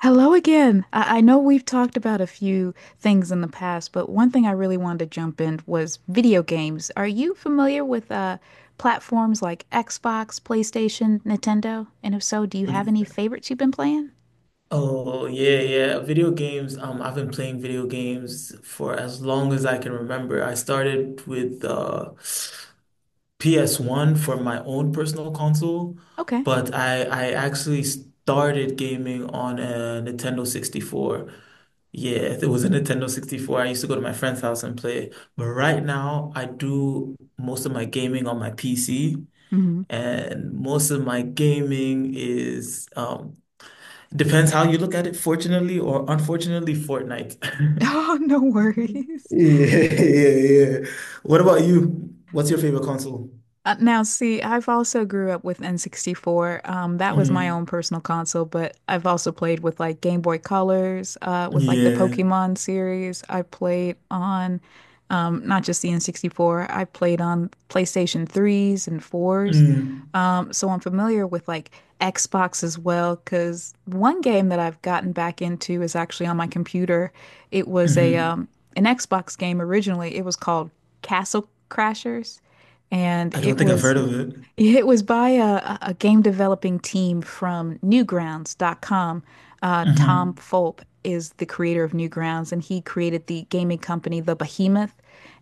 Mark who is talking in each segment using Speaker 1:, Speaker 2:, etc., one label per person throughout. Speaker 1: Hello again. I know we've talked about a few things in the past, but one thing I really wanted to jump in was video games. Are you familiar with platforms like Xbox, PlayStation, Nintendo? And if so, do you have any favorites you've been playing?
Speaker 2: Oh yeah, yeah. Video games. I've been playing video games for as long as I can remember. I started with PS1 for my own personal console,
Speaker 1: Okay.
Speaker 2: but I actually started gaming on a Nintendo 64. Yeah, there was a Nintendo 64. I used to go to my friend's house and play. But right now, I do most of my gaming on my PC,
Speaker 1: hmm
Speaker 2: and most of my gaming is depends how you look at it, fortunately or unfortunately, Fortnite.
Speaker 1: Oh, no worries.
Speaker 2: Yeah, yeah, yeah. What about you? What's your favorite console?
Speaker 1: Now, see, I've also grew up with N64. That was my own
Speaker 2: Mm,
Speaker 1: personal console, but I've also played with like Game Boy Colors, with like the
Speaker 2: yeah.
Speaker 1: Pokemon series. I played on not just the N64, I played on PlayStation 3s and 4s.
Speaker 2: Mm,
Speaker 1: So I'm familiar with like Xbox as well, because one game that I've gotten back into is actually on my computer. It was a
Speaker 2: hmm.
Speaker 1: an Xbox game originally. It was called Castle Crashers and
Speaker 2: I don't
Speaker 1: it
Speaker 2: think I've
Speaker 1: was
Speaker 2: heard of it.
Speaker 1: it was by a game developing team from Newgrounds.com. Tom
Speaker 2: Hmm.
Speaker 1: Fulp is the creator of Newgrounds, and he created the gaming company The Behemoth,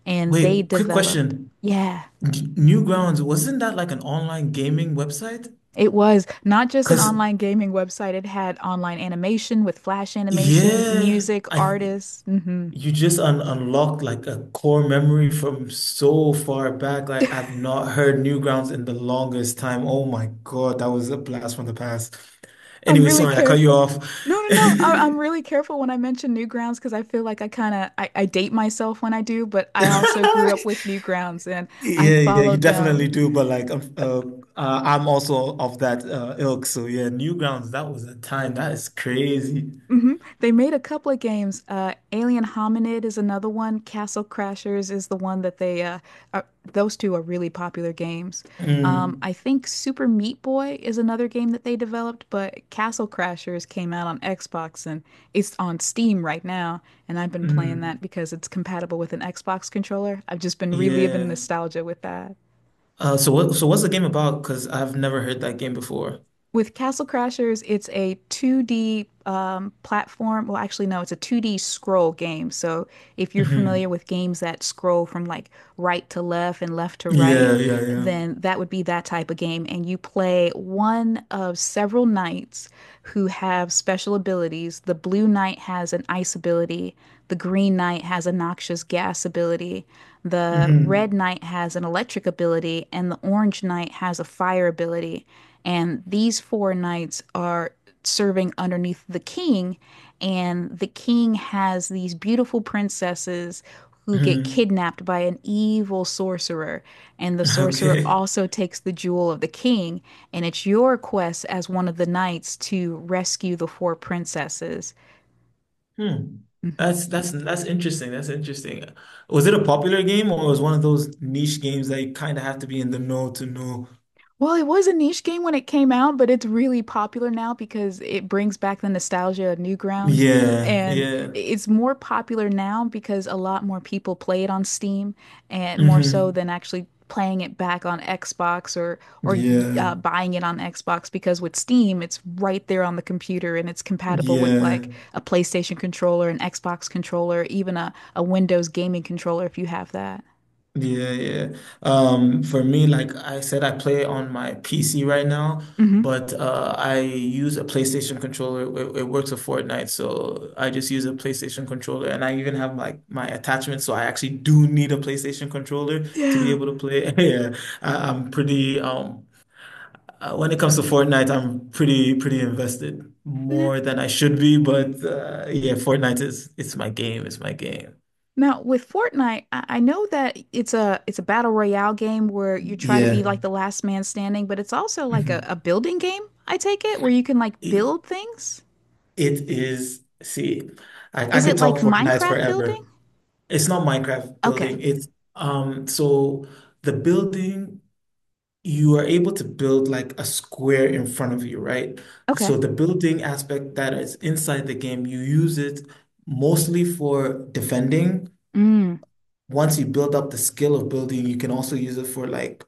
Speaker 1: and they
Speaker 2: Wait, quick
Speaker 1: developed.
Speaker 2: question.
Speaker 1: Yeah.
Speaker 2: Newgrounds, wasn't that like an online gaming website?
Speaker 1: It was not just an
Speaker 2: Because,
Speaker 1: online gaming website. It had online animation with flash animation,
Speaker 2: yeah,
Speaker 1: music,
Speaker 2: I th
Speaker 1: artists.
Speaker 2: you just un unlocked like a core memory from so far back. Like, I've not heard Newgrounds in the longest time. Oh my God, that was a blast from the past.
Speaker 1: I'm
Speaker 2: Anyway,
Speaker 1: really
Speaker 2: sorry, I cut you
Speaker 1: careful.
Speaker 2: off.
Speaker 1: No, no, no. I'm really careful when I mention Newgrounds because I feel like I date myself when I do, but I also grew up with Newgrounds and I
Speaker 2: Yeah, yeah, you
Speaker 1: followed
Speaker 2: definitely
Speaker 1: them.
Speaker 2: do. But I'm also of that ilk. So yeah, Newgrounds, that was a time. That is crazy.
Speaker 1: hmm They made a couple of games. Alien Hominid is another one. Castle Crashers is the one that are, those two are really popular games.
Speaker 2: Mm,
Speaker 1: I think Super Meat Boy is another game that they developed, but Castle Crashers came out on Xbox and it's on Steam right now. And I've been playing that
Speaker 2: mm,
Speaker 1: because it's compatible with an Xbox controller. I've just been reliving
Speaker 2: yeah.
Speaker 1: nostalgia with that.
Speaker 2: So what's the game about? Because I've never heard that game before.
Speaker 1: With Castle Crashers, it's a 2D platform. Well, actually, no, it's a 2D scroll game. So, if you're familiar
Speaker 2: Hmm.
Speaker 1: with games that scroll from like right to left and left to right,
Speaker 2: Yeah, yeah, yeah.
Speaker 1: then that would be that type of game. And you play one of several knights who have special abilities. The blue knight has an ice ability, the green knight has a noxious gas ability, the
Speaker 2: Hmm.
Speaker 1: red knight has an electric ability, and the orange knight has a fire ability, and these four knights are serving underneath the king. And the king has these beautiful princesses who get
Speaker 2: Hmm.
Speaker 1: kidnapped by an evil sorcerer. And the sorcerer
Speaker 2: Okay.
Speaker 1: also takes the jewel of the king. And it's your quest as one of the knights to rescue the four princesses.
Speaker 2: Hmm.
Speaker 1: Mm-hmm.
Speaker 2: That's interesting. That's interesting. Was it a popular game or was one of those niche games that you kind of have to be in the know to know?
Speaker 1: Well, it was a niche game when it came out, but it's really popular now because it brings back the nostalgia of Newgrounds.
Speaker 2: Yeah,
Speaker 1: And
Speaker 2: yeah.
Speaker 1: it's more popular now because a lot more people play it on Steam and more so
Speaker 2: Hmm.
Speaker 1: than actually playing it back on Xbox or or
Speaker 2: Yeah,
Speaker 1: uh, buying it on Xbox because with Steam, it's right there on the computer and it's compatible with
Speaker 2: yeah,
Speaker 1: like a PlayStation controller, an Xbox controller, even a Windows gaming controller if you have that.
Speaker 2: yeah, yeah. For me, like I said, I play on my PC right now,
Speaker 1: hmm
Speaker 2: but I use a PlayStation controller. It works with Fortnite, so I just use a PlayStation controller, and I even have like my attachment, so I actually do need a PlayStation controller to be
Speaker 1: Yeah.
Speaker 2: able to play. Yeah, I'm pretty when it comes to Fortnite, I'm pretty invested more than I should be, but yeah, Fortnite is it's my game, it's my game.
Speaker 1: Now, with Fortnite, I know that it's a battle royale game where you try to
Speaker 2: Yeah.
Speaker 1: be like the last man standing, but it's also like a,
Speaker 2: Mhm.
Speaker 1: a building game, I take it, where you can like build things.
Speaker 2: it is, see, I
Speaker 1: Is
Speaker 2: could
Speaker 1: it
Speaker 2: talk
Speaker 1: like
Speaker 2: Fortnite
Speaker 1: Minecraft
Speaker 2: forever.
Speaker 1: building?
Speaker 2: It's not Minecraft
Speaker 1: Okay.
Speaker 2: building. It's so The building, you are able to build like a square in front of you, right?
Speaker 1: Okay.
Speaker 2: So the building aspect that is inside the game, you use it mostly for defending.
Speaker 1: Mm.
Speaker 2: Once you build up the skill of building, you can also use it for like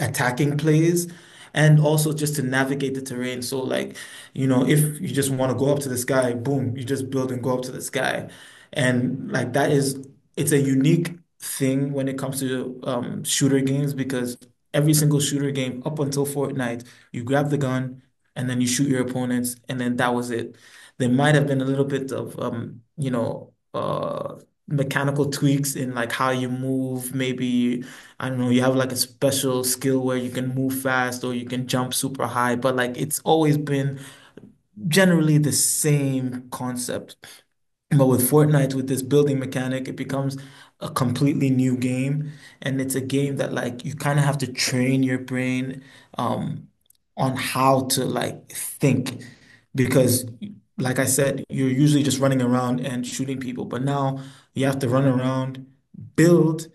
Speaker 2: attacking plays and also just to navigate the terrain. So like, you know, if you just want to go up to this guy, boom, you just build and go up to this guy, and like that is it's a unique thing when it comes to shooter games. Because every single shooter game up until Fortnite, you grab the gun and then you shoot your opponents and then that was it. There might have been a little bit of you know, mechanical tweaks in like how you move, maybe I don't know, you have like a special skill where you can move fast or you can jump super high, but like it's always been generally the same concept. But with Fortnite, with this building mechanic, it becomes a completely new game. And it's a game that like you kind of have to train your brain um, on how to like think. Because like I said, you're usually just running around and shooting people. But now you have to run around, build,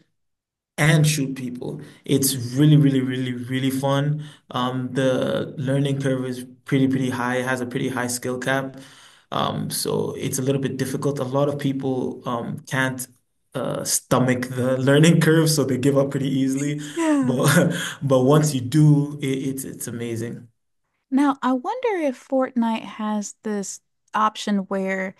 Speaker 2: and shoot people. It's really, really, really, really fun. The learning curve is pretty, pretty high. It has a pretty high skill cap. So it's a little bit difficult. A lot of people can't stomach the learning curve, so they give up pretty easily.
Speaker 1: Yeah.
Speaker 2: But but once you do, it's amazing.
Speaker 1: Now, I wonder if Fortnite has this option where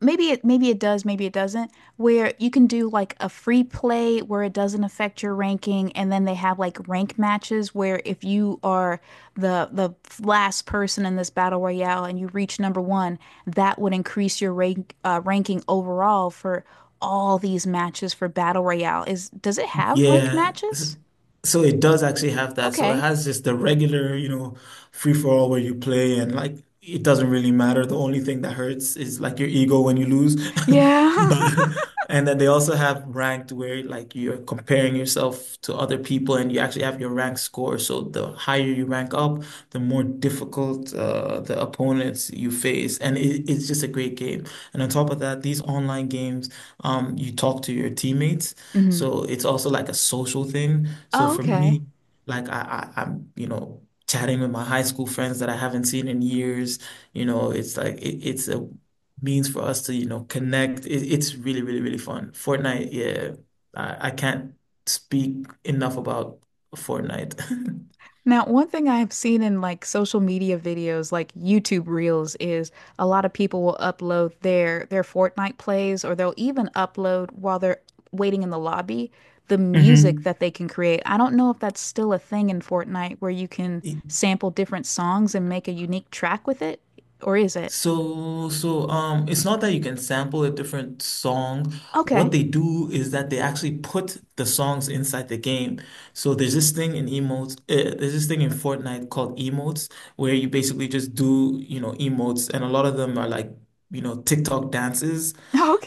Speaker 1: maybe it does, maybe it doesn't, where you can do like a free play where it doesn't affect your ranking, and then they have like rank matches where if you are the last person in this battle royale and you reach number one, that would increase your ranking overall for all these matches for battle royale. Is does it have rank
Speaker 2: Yeah.
Speaker 1: matches?
Speaker 2: So it does actually have that. So it
Speaker 1: Okay.
Speaker 2: has just the regular, you know, free for all where you play and like it doesn't really matter. The only thing that hurts is like your ego when you lose.
Speaker 1: Yeah.
Speaker 2: But and then they also have ranked where like you're comparing yourself to other people and you actually have your rank score. So the higher you rank up, the more difficult the opponents you face. And it's just a great game. And on top of that, these online games, you talk to your teammates.
Speaker 1: hmm
Speaker 2: So it's also like a social thing. So
Speaker 1: Oh,
Speaker 2: for
Speaker 1: okay.
Speaker 2: me, like I'm, you know, chatting with my high school friends that I haven't seen in years, you know, it's like it's a means for us to, you know, connect. It's really, really, really fun. Fortnite, yeah, I can't speak enough about Fortnite.
Speaker 1: Now, one thing I've seen in like social media videos, like YouTube Reels, is a lot of people will upload their Fortnite plays, or they'll even upload while they're waiting in the lobby the music that they can create. I don't know if that's still a thing in Fortnite where you can
Speaker 2: Hmm.
Speaker 1: sample different songs and make a unique track with it, or is it?
Speaker 2: It's not that you can sample a different song.
Speaker 1: Okay.
Speaker 2: What they do is that they actually put the songs inside the game. So there's this thing in emotes, there's this thing in Fortnite called emotes, where you basically just do, you know, emotes, and a lot of them are like, you know, TikTok dances.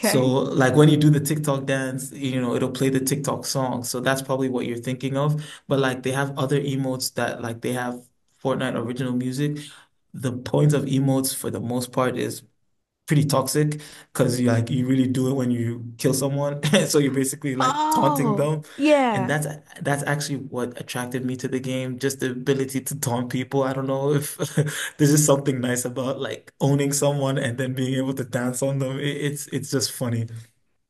Speaker 2: So like when you do the TikTok dance, you know, it'll play the TikTok song. So that's probably what you're thinking of. But like they have other emotes that like they have Fortnite original music. The point of emotes for the most part is pretty toxic because you really do it when you kill someone. So you're basically like taunting
Speaker 1: Oh,
Speaker 2: them. And
Speaker 1: yeah.
Speaker 2: that's actually what attracted me to the game, just the ability to taunt people. I don't know if there's just something nice about like owning someone and then being able to dance on them. It's just funny.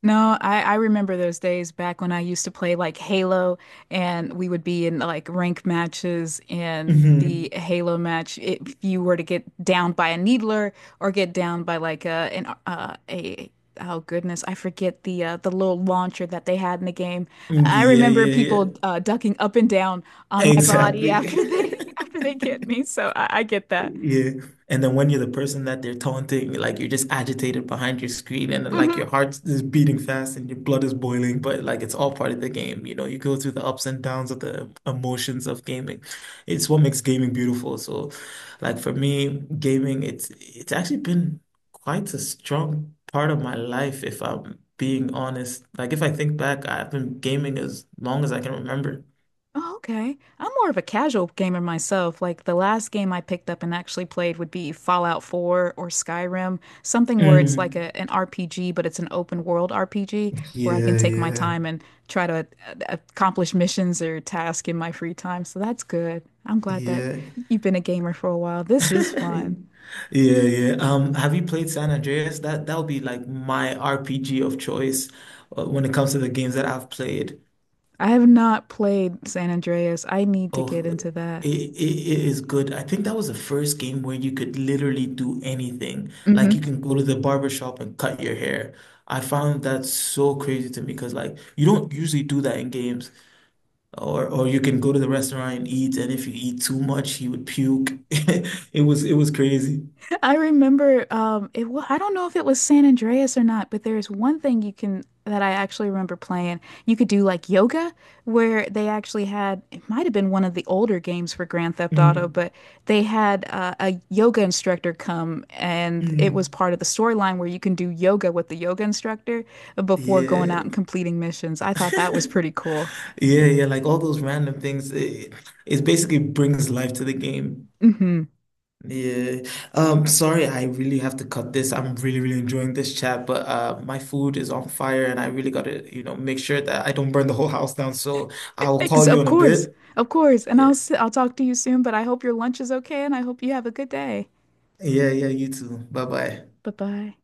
Speaker 1: No, I remember those days back when I used to play like Halo and we would be in like rank matches and the
Speaker 2: Hmm.
Speaker 1: Halo match, if you were to get down by a needler or get down by like a an a oh goodness, I forget the little launcher that they had in the game. I
Speaker 2: Yeah,
Speaker 1: remember
Speaker 2: yeah, yeah.
Speaker 1: people ducking up and down on my body
Speaker 2: Exactly.
Speaker 1: after they after they get me, so I get that.
Speaker 2: Yeah. And then when you're the person that they're taunting, like you're just agitated behind your screen and like
Speaker 1: Mhm.
Speaker 2: your heart is beating fast and your blood is boiling, but like it's all part of the game. You know, you go through the ups and downs of the emotions of gaming. It's what makes gaming beautiful. So like for me, gaming, it's actually been quite a strong part of my life, if I'm being honest. Like if I think back, I've been gaming as long as I can remember.
Speaker 1: Oh, okay. I'm more of a casual gamer myself. Like the last game I picked up and actually played would be Fallout 4 or Skyrim, something where it's like
Speaker 2: Mm.
Speaker 1: an RPG, but it's an open world RPG where I can
Speaker 2: Yeah,
Speaker 1: take my
Speaker 2: yeah.
Speaker 1: time and try to accomplish missions or tasks in my free time. So that's good. I'm glad that
Speaker 2: Yeah,
Speaker 1: you've been a gamer for a while. This is fun.
Speaker 2: yeah, yeah. Have you played San Andreas? That would be like my RPG of choice when it comes to the games that I've played.
Speaker 1: I have not played San Andreas. I need to
Speaker 2: Oh,
Speaker 1: get into that.
Speaker 2: it is good. I think that was the first game where you could literally do anything. Like you can go to the barber shop and cut your hair. I found that so crazy to me because like you don't usually do that in games. Or you can go to the restaurant and eat, and if you eat too much, you would puke. It was crazy.
Speaker 1: I remember I don't know if it was San Andreas or not, but there's one thing you can that I actually remember playing. You could do like yoga where they actually had it might have been one of the older games for Grand Theft Auto,
Speaker 2: Mm,
Speaker 1: but they had a yoga instructor come and it was
Speaker 2: mm.
Speaker 1: part of the storyline where you can do yoga with the yoga instructor before going out
Speaker 2: Yeah.
Speaker 1: and completing missions. I thought that was pretty cool.
Speaker 2: Yeah, yeah, like all those random things. It basically brings life to the game.
Speaker 1: hmm
Speaker 2: Yeah. Sorry, I really have to cut this. I'm really, really enjoying this chat, but my food is on fire and I really gotta, you know, make sure that I don't burn the whole house down. So I will
Speaker 1: Ex
Speaker 2: call you
Speaker 1: of
Speaker 2: in a
Speaker 1: course.
Speaker 2: bit.
Speaker 1: Of course. And I'll
Speaker 2: Yeah.
Speaker 1: I'll talk to you soon, but I hope your lunch is okay and I hope you have a good day.
Speaker 2: Yeah, yeah, you too. Bye bye.
Speaker 1: Bye bye.